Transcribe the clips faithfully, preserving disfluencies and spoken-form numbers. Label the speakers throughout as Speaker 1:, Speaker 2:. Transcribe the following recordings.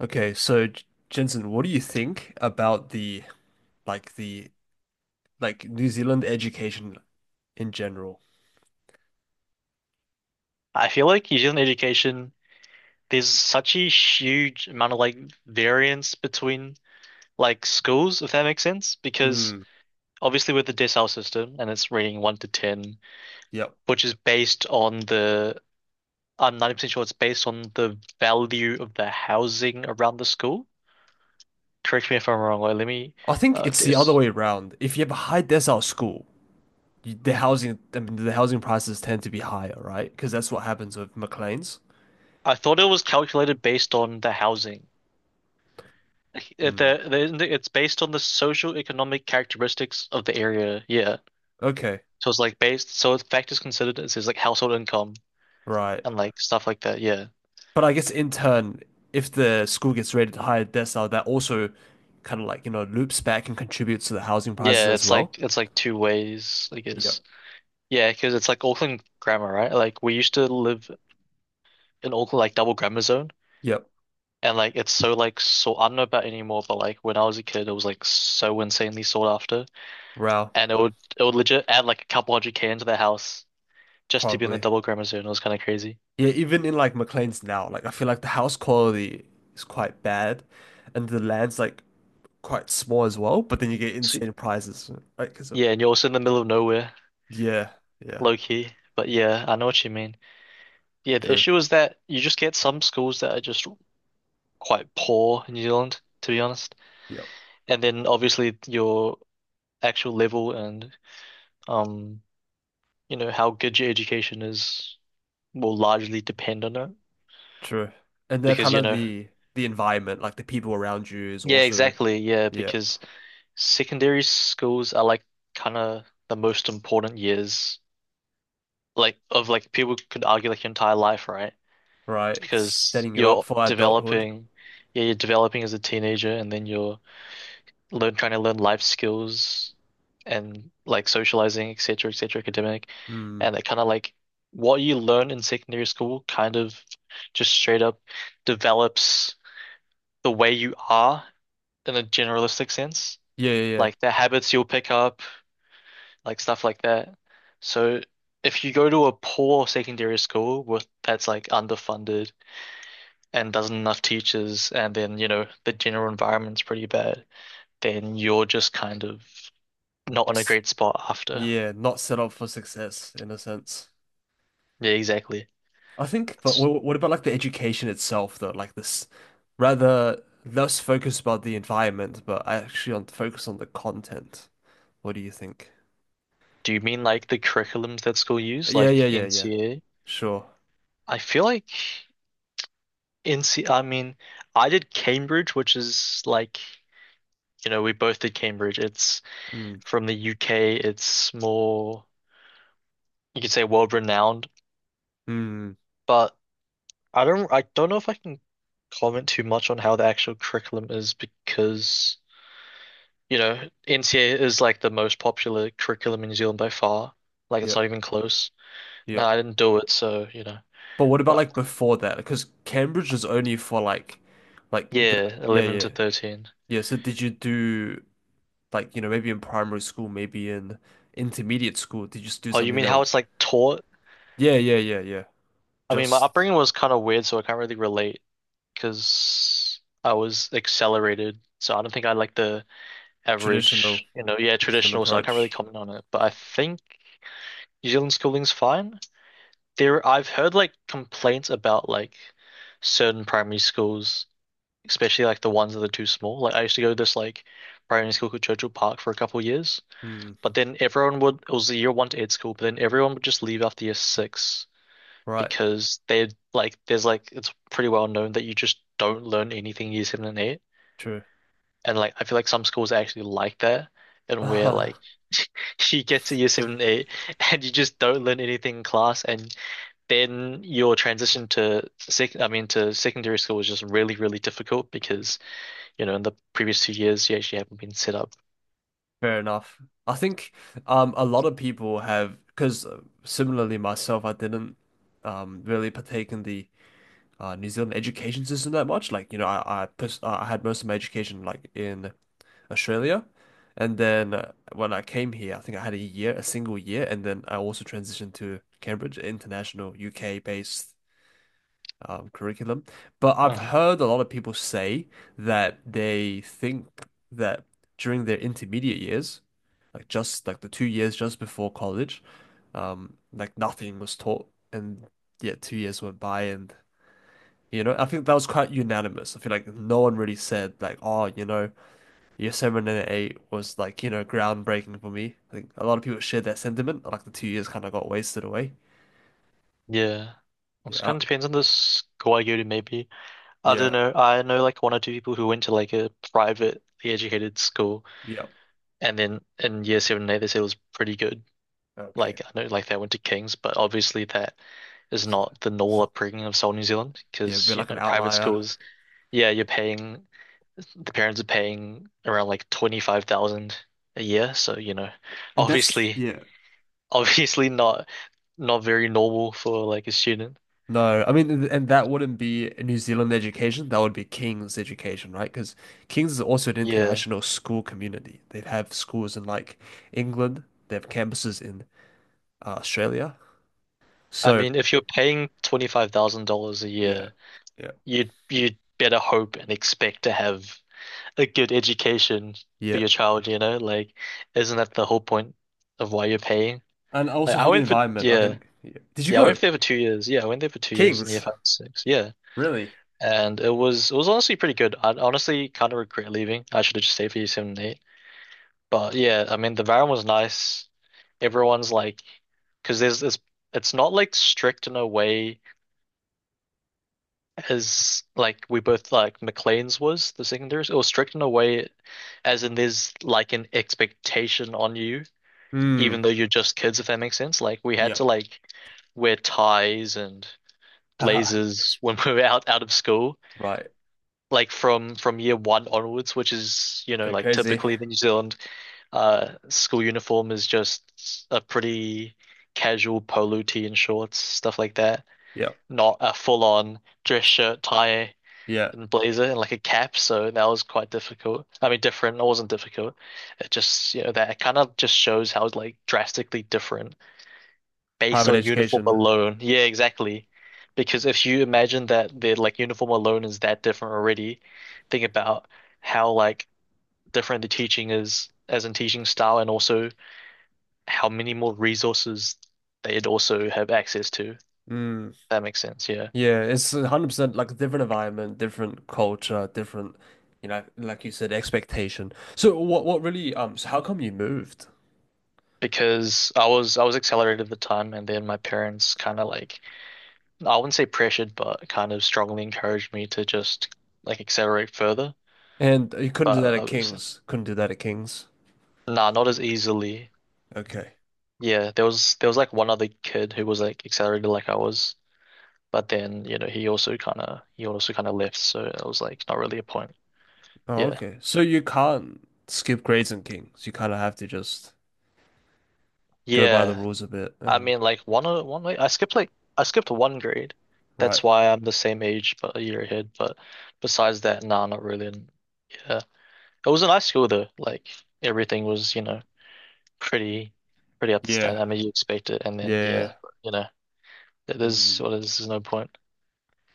Speaker 1: Okay, so J- Jensen, what do you think about the like the like New Zealand education in general?
Speaker 2: I feel like New Zealand education, there's such a huge amount of like variance between like schools, if that makes sense. Because
Speaker 1: Mm,
Speaker 2: obviously with the decile system and it's rating one to ten,
Speaker 1: yep.
Speaker 2: which is based on the I'm ninety percent sure it's based on the value of the housing around the school. Correct me if I'm wrong, or let me
Speaker 1: I think
Speaker 2: uh
Speaker 1: it's the other
Speaker 2: this.
Speaker 1: way around. If you have a high decile school, you, the housing I mean, the housing prices tend to be higher, right? Because that's what happens with Maclean's.
Speaker 2: I thought it was calculated based on the housing. Like, Uh,
Speaker 1: Mm,
Speaker 2: The, the, it's based on the social economic characteristics of the area. Yeah.
Speaker 1: okay,
Speaker 2: So it's like based, so effect is considered is his like household income
Speaker 1: right.
Speaker 2: and like stuff like that. Yeah.
Speaker 1: But I guess in turn, if the school gets rated higher decile, that also kind of like, you know, loops back and contributes to the housing prices
Speaker 2: Yeah,
Speaker 1: as
Speaker 2: it's
Speaker 1: well.
Speaker 2: like it's like two ways, I
Speaker 1: Yep.
Speaker 2: guess. Yeah, because it's like Auckland grammar, right? Like we used to live in Auckland like double grammar zone,
Speaker 1: Yep.
Speaker 2: and like it's so like so I don't know about anymore, but like when I was a kid it was like so insanely sought after.
Speaker 1: Wow.
Speaker 2: And it would it would legit add like a couple hundred K into the house just to be in the
Speaker 1: Probably.
Speaker 2: double grammar zone. It was kind of crazy.
Speaker 1: Yeah, even in like McLean's now, like I feel like the house quality is quite bad, and the land's like quite small as well. But then you get
Speaker 2: So
Speaker 1: insane prices, right? Because of
Speaker 2: yeah, and you're also in the middle of nowhere,
Speaker 1: yeah, yeah,
Speaker 2: low key. But yeah, I know what you mean. Yeah, the
Speaker 1: true,
Speaker 2: issue is that you just get some schools that are just quite poor in New Zealand, to be honest.
Speaker 1: yep,
Speaker 2: And then obviously your actual level and um, you know, how good your education is will largely depend on it.
Speaker 1: true. And the
Speaker 2: Because,
Speaker 1: kind
Speaker 2: you
Speaker 1: of
Speaker 2: know,
Speaker 1: the the environment, like the people around you, is
Speaker 2: yeah,
Speaker 1: also
Speaker 2: exactly. Yeah,
Speaker 1: yeah,
Speaker 2: because secondary schools are like kind of the most important years, like of like people could argue like your entire life, right?
Speaker 1: right,
Speaker 2: Because
Speaker 1: setting you up
Speaker 2: you're
Speaker 1: for adulthood.
Speaker 2: developing, yeah, you're developing as a teenager, and then you're learn trying to learn life skills and like socializing, et cetera, et cetera, academic,
Speaker 1: Hmm.
Speaker 2: and it kind of like what you learn in secondary school kind of just straight up develops the way you are in a generalistic sense,
Speaker 1: Yeah, yeah, yeah,
Speaker 2: like the habits you'll pick up, like stuff like that. So if you go to a poor secondary school with that's like underfunded and doesn't enough teachers, and then you know the general environment's pretty bad, then you're just kind of not in a
Speaker 1: S-
Speaker 2: great spot after.
Speaker 1: yeah, not set up for success in a sense.
Speaker 2: Yeah, exactly.
Speaker 1: I think, but
Speaker 2: It's-
Speaker 1: wha- what about like the education itself, though? Like this, rather less focus about the environment, but actually on focus on the content. What do you think?
Speaker 2: do you mean like the curriculums that school use,
Speaker 1: Yeah,
Speaker 2: like
Speaker 1: yeah, yeah, yeah.
Speaker 2: N C A?
Speaker 1: Sure.
Speaker 2: I feel like N C I mean, I did Cambridge, which is like, you know, we both did Cambridge. It's
Speaker 1: Mm,
Speaker 2: from the U K. It's more, you could say world renowned,
Speaker 1: mm,
Speaker 2: but I don't, I don't know if I can comment too much on how the actual curriculum is because, you know, N C A is like the most popular curriculum in New Zealand by far. Like
Speaker 1: yeah,
Speaker 2: it's not even close.
Speaker 1: yeah.
Speaker 2: No, I didn't do it, so you know.
Speaker 1: But what about
Speaker 2: But
Speaker 1: like before that? Because Cambridge is only for like, like the
Speaker 2: yeah,
Speaker 1: yeah,
Speaker 2: eleven
Speaker 1: yeah,
Speaker 2: to thirteen.
Speaker 1: yeah. So did you do like you know maybe in primary school, maybe in intermediate school? Did you just do
Speaker 2: Oh, you
Speaker 1: something
Speaker 2: mean
Speaker 1: that
Speaker 2: how
Speaker 1: was
Speaker 2: it's like taught?
Speaker 1: yeah, yeah, yeah, yeah,
Speaker 2: I mean, my
Speaker 1: just
Speaker 2: upbringing was kind of weird, so I can't really relate because I was accelerated. So I don't think I like the
Speaker 1: traditional
Speaker 2: average, you know, yeah,
Speaker 1: New Zealand
Speaker 2: traditional. So I can't really
Speaker 1: approach?
Speaker 2: comment on it. But I think New Zealand schooling's fine. There, I've heard like complaints about like certain primary schools, especially like the ones that are too small. Like I used to go to this like primary school called Churchill Park for a couple years.
Speaker 1: Hmm.
Speaker 2: But then everyone would, it was the year one to eight school, but then everyone would just leave after year six
Speaker 1: Right.
Speaker 2: because they like, there's like, it's pretty well known that you just don't learn anything year seven and eight.
Speaker 1: True.
Speaker 2: And like, I feel like some schools are actually like that, and where like you get to year seven and eight and you just don't learn anything in class. And then your transition to sec, I mean, to secondary school is just really, really difficult because, you know, in the previous two years, you actually haven't been set up.
Speaker 1: Fair enough. I think um a lot of people have because similarly myself, I didn't um really partake in the uh, New Zealand education system that much. Like you know, I I, pers- uh, I had most of my education like in Australia, and then uh, when I came here, I think I had a year, a single year, and then I also transitioned to Cambridge International U K based um, curriculum. But I've
Speaker 2: Mhm.
Speaker 1: heard a lot of people say that they think that during their intermediate years, like just like the two years just before college, um, like nothing was taught, and yet two years went by, and you know, I think that was quite unanimous. I feel like no one really said like, oh, you know, year seven and eight was like, you know, groundbreaking for me. I think a lot of people shared that sentiment. Like the two years kind of got wasted away.
Speaker 2: Yeah. It
Speaker 1: Yeah,
Speaker 2: kind of depends on the school I go to, maybe. I don't
Speaker 1: yeah,
Speaker 2: know. I know like one or two people who went to like a privately educated school,
Speaker 1: yeah.
Speaker 2: and then in year seven and eight, they said it was pretty good.
Speaker 1: Okay.
Speaker 2: Like, I know like they went to King's, but obviously that is
Speaker 1: So,
Speaker 2: not the normal
Speaker 1: so
Speaker 2: upbringing of South New Zealand
Speaker 1: yeah, be
Speaker 2: because, you
Speaker 1: like an
Speaker 2: know, private
Speaker 1: outlier.
Speaker 2: schools, yeah, you're paying, the parents are paying around like twenty-five thousand a year. So, you know,
Speaker 1: And that's,
Speaker 2: obviously,
Speaker 1: yeah.
Speaker 2: obviously not, not very normal for like a student.
Speaker 1: No, I mean, th- and that wouldn't be a New Zealand education. That would be King's education, right? Because King's is also an
Speaker 2: Yeah.
Speaker 1: international school community. They have schools in like England. They have campuses in uh, Australia.
Speaker 2: I
Speaker 1: So
Speaker 2: mean, if you're paying twenty-five thousand dollars a
Speaker 1: yeah.
Speaker 2: year,
Speaker 1: Yeah,
Speaker 2: you'd you'd better hope and expect to have a good education for
Speaker 1: yeah,
Speaker 2: your child, you know? Like, isn't that the whole point of why you're paying?
Speaker 1: and
Speaker 2: Like,
Speaker 1: also
Speaker 2: I
Speaker 1: for the
Speaker 2: went for,
Speaker 1: environment, I
Speaker 2: yeah,
Speaker 1: think. Yeah. Did you
Speaker 2: yeah, I
Speaker 1: go
Speaker 2: went there for two years. Yeah, I went there for two years in year
Speaker 1: King's?
Speaker 2: five and six. Yeah.
Speaker 1: Really?
Speaker 2: And it was, it was honestly pretty good. I honestly kind of regret leaving. I should have just stayed for year seven and eight. But yeah, I mean, the environment was nice. Everyone's like, because there's this, it's not like strict in a way as like we both like McLean's was the secondaries. It was strict in a way as in there's like an expectation on you,
Speaker 1: Mm.
Speaker 2: even though you're just kids, if that makes sense. Like we had to
Speaker 1: Yep.
Speaker 2: like wear ties and
Speaker 1: Haha.
Speaker 2: blazers when we were out out of school,
Speaker 1: Right.
Speaker 2: like from from year one onwards, which is, you know,
Speaker 1: Pretty
Speaker 2: like
Speaker 1: crazy.
Speaker 2: typically the New Zealand uh school uniform is just a pretty casual polo tee and shorts, stuff like that.
Speaker 1: Yeah.
Speaker 2: Not a full on dress shirt, tie.
Speaker 1: Yeah.
Speaker 2: And blazer and like a cap, so that was quite difficult. I mean, different. It wasn't difficult. It just, you know, that it kind of just shows how like drastically different based
Speaker 1: Private
Speaker 2: on uniform
Speaker 1: education.
Speaker 2: alone. Yeah, exactly. Because if you imagine that the like uniform alone is that different already, think about how like different the teaching is as in teaching style and also how many more resources they'd also have access to.
Speaker 1: Mm.
Speaker 2: That makes sense, yeah.
Speaker 1: Yeah, it's one hundred percent like a different environment, different culture, different, you know, like you said, expectation. So what what really um so how come you moved?
Speaker 2: Because I was I was accelerated at the time, and then my parents kind of like I wouldn't say pressured, but kind of strongly encouraged me to just like accelerate further.
Speaker 1: And you couldn't do that
Speaker 2: But I
Speaker 1: at
Speaker 2: was
Speaker 1: King's. Couldn't do that at King's.
Speaker 2: nah, not as easily.
Speaker 1: Okay.
Speaker 2: Yeah, there was there was like one other kid who was like accelerated like I was, but then you know he also kind of he also kind of left, so it was like not really a point.
Speaker 1: Oh,
Speaker 2: Yeah,
Speaker 1: okay. So you can't skip grades in King's. You kind of have to just go by the
Speaker 2: yeah.
Speaker 1: rules a bit
Speaker 2: I
Speaker 1: and
Speaker 2: mean, like one o- one like I skipped like I skipped one grade. That's
Speaker 1: right.
Speaker 2: why I'm the same age but a year ahead. But besides that, nah, not really. And yeah, it was a nice school though. Like everything was you know pretty pretty up to
Speaker 1: Yeah.
Speaker 2: standard. I mean, you expect it, and then
Speaker 1: Yeah.
Speaker 2: yeah,
Speaker 1: Yeah.
Speaker 2: you know, th-
Speaker 1: Yeah.
Speaker 2: there's
Speaker 1: Mm,
Speaker 2: well, there's, there's no point.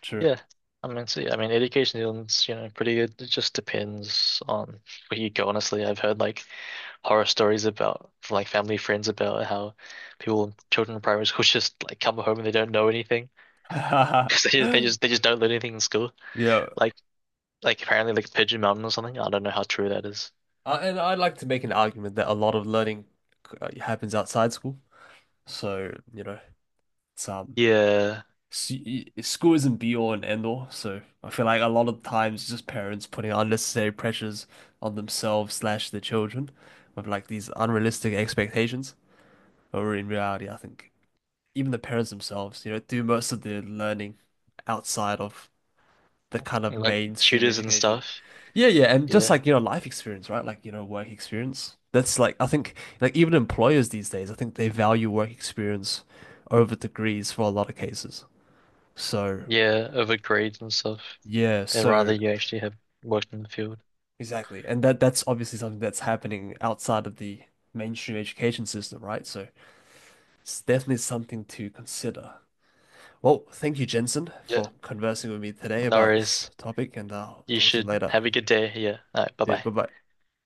Speaker 1: true.
Speaker 2: Yeah, I mean, see, I mean, education in New Zealand's you know pretty good. It just depends on where you go. Honestly, I've heard like horror stories about from like family friends about how people, children in primary school, just like come home and they don't know anything because they just, they just they just don't learn anything in school.
Speaker 1: Yeah.
Speaker 2: Like like apparently like Pigeon Mountain or something. I don't know how true that is.
Speaker 1: Uh, and I'd like to make an argument that a lot of learning uh, happens outside school. So, you know, it's um,
Speaker 2: Yeah,
Speaker 1: s- y- school isn't be all and end all, so I feel like a lot of times it's just parents putting unnecessary pressures on themselves slash their children with like these unrealistic expectations. Or in reality, I think even the parents themselves, you know, do most of their learning outside of the kind of
Speaker 2: and, like
Speaker 1: mainstream
Speaker 2: tutors and
Speaker 1: education.
Speaker 2: stuff.
Speaker 1: Yeah, yeah, and just
Speaker 2: Yeah,
Speaker 1: like, you know, life experience, right? Like, you know, work experience. That's like I think like even employers these days, I think they value work experience over degrees for a lot of cases. So
Speaker 2: yeah, over grades and stuff.
Speaker 1: yeah,
Speaker 2: But rather
Speaker 1: so
Speaker 2: you actually have worked in the field.
Speaker 1: exactly. And that that's obviously something that's happening outside of the mainstream education system, right? So it's definitely something to consider. Well, thank you, Jensen,
Speaker 2: Yeah.
Speaker 1: for conversing with me today
Speaker 2: No
Speaker 1: about this
Speaker 2: worries.
Speaker 1: topic, and I'll
Speaker 2: You
Speaker 1: talk to you
Speaker 2: should
Speaker 1: later.
Speaker 2: have a good day. Yeah. All right. Bye
Speaker 1: Yeah,
Speaker 2: bye.
Speaker 1: bye-bye.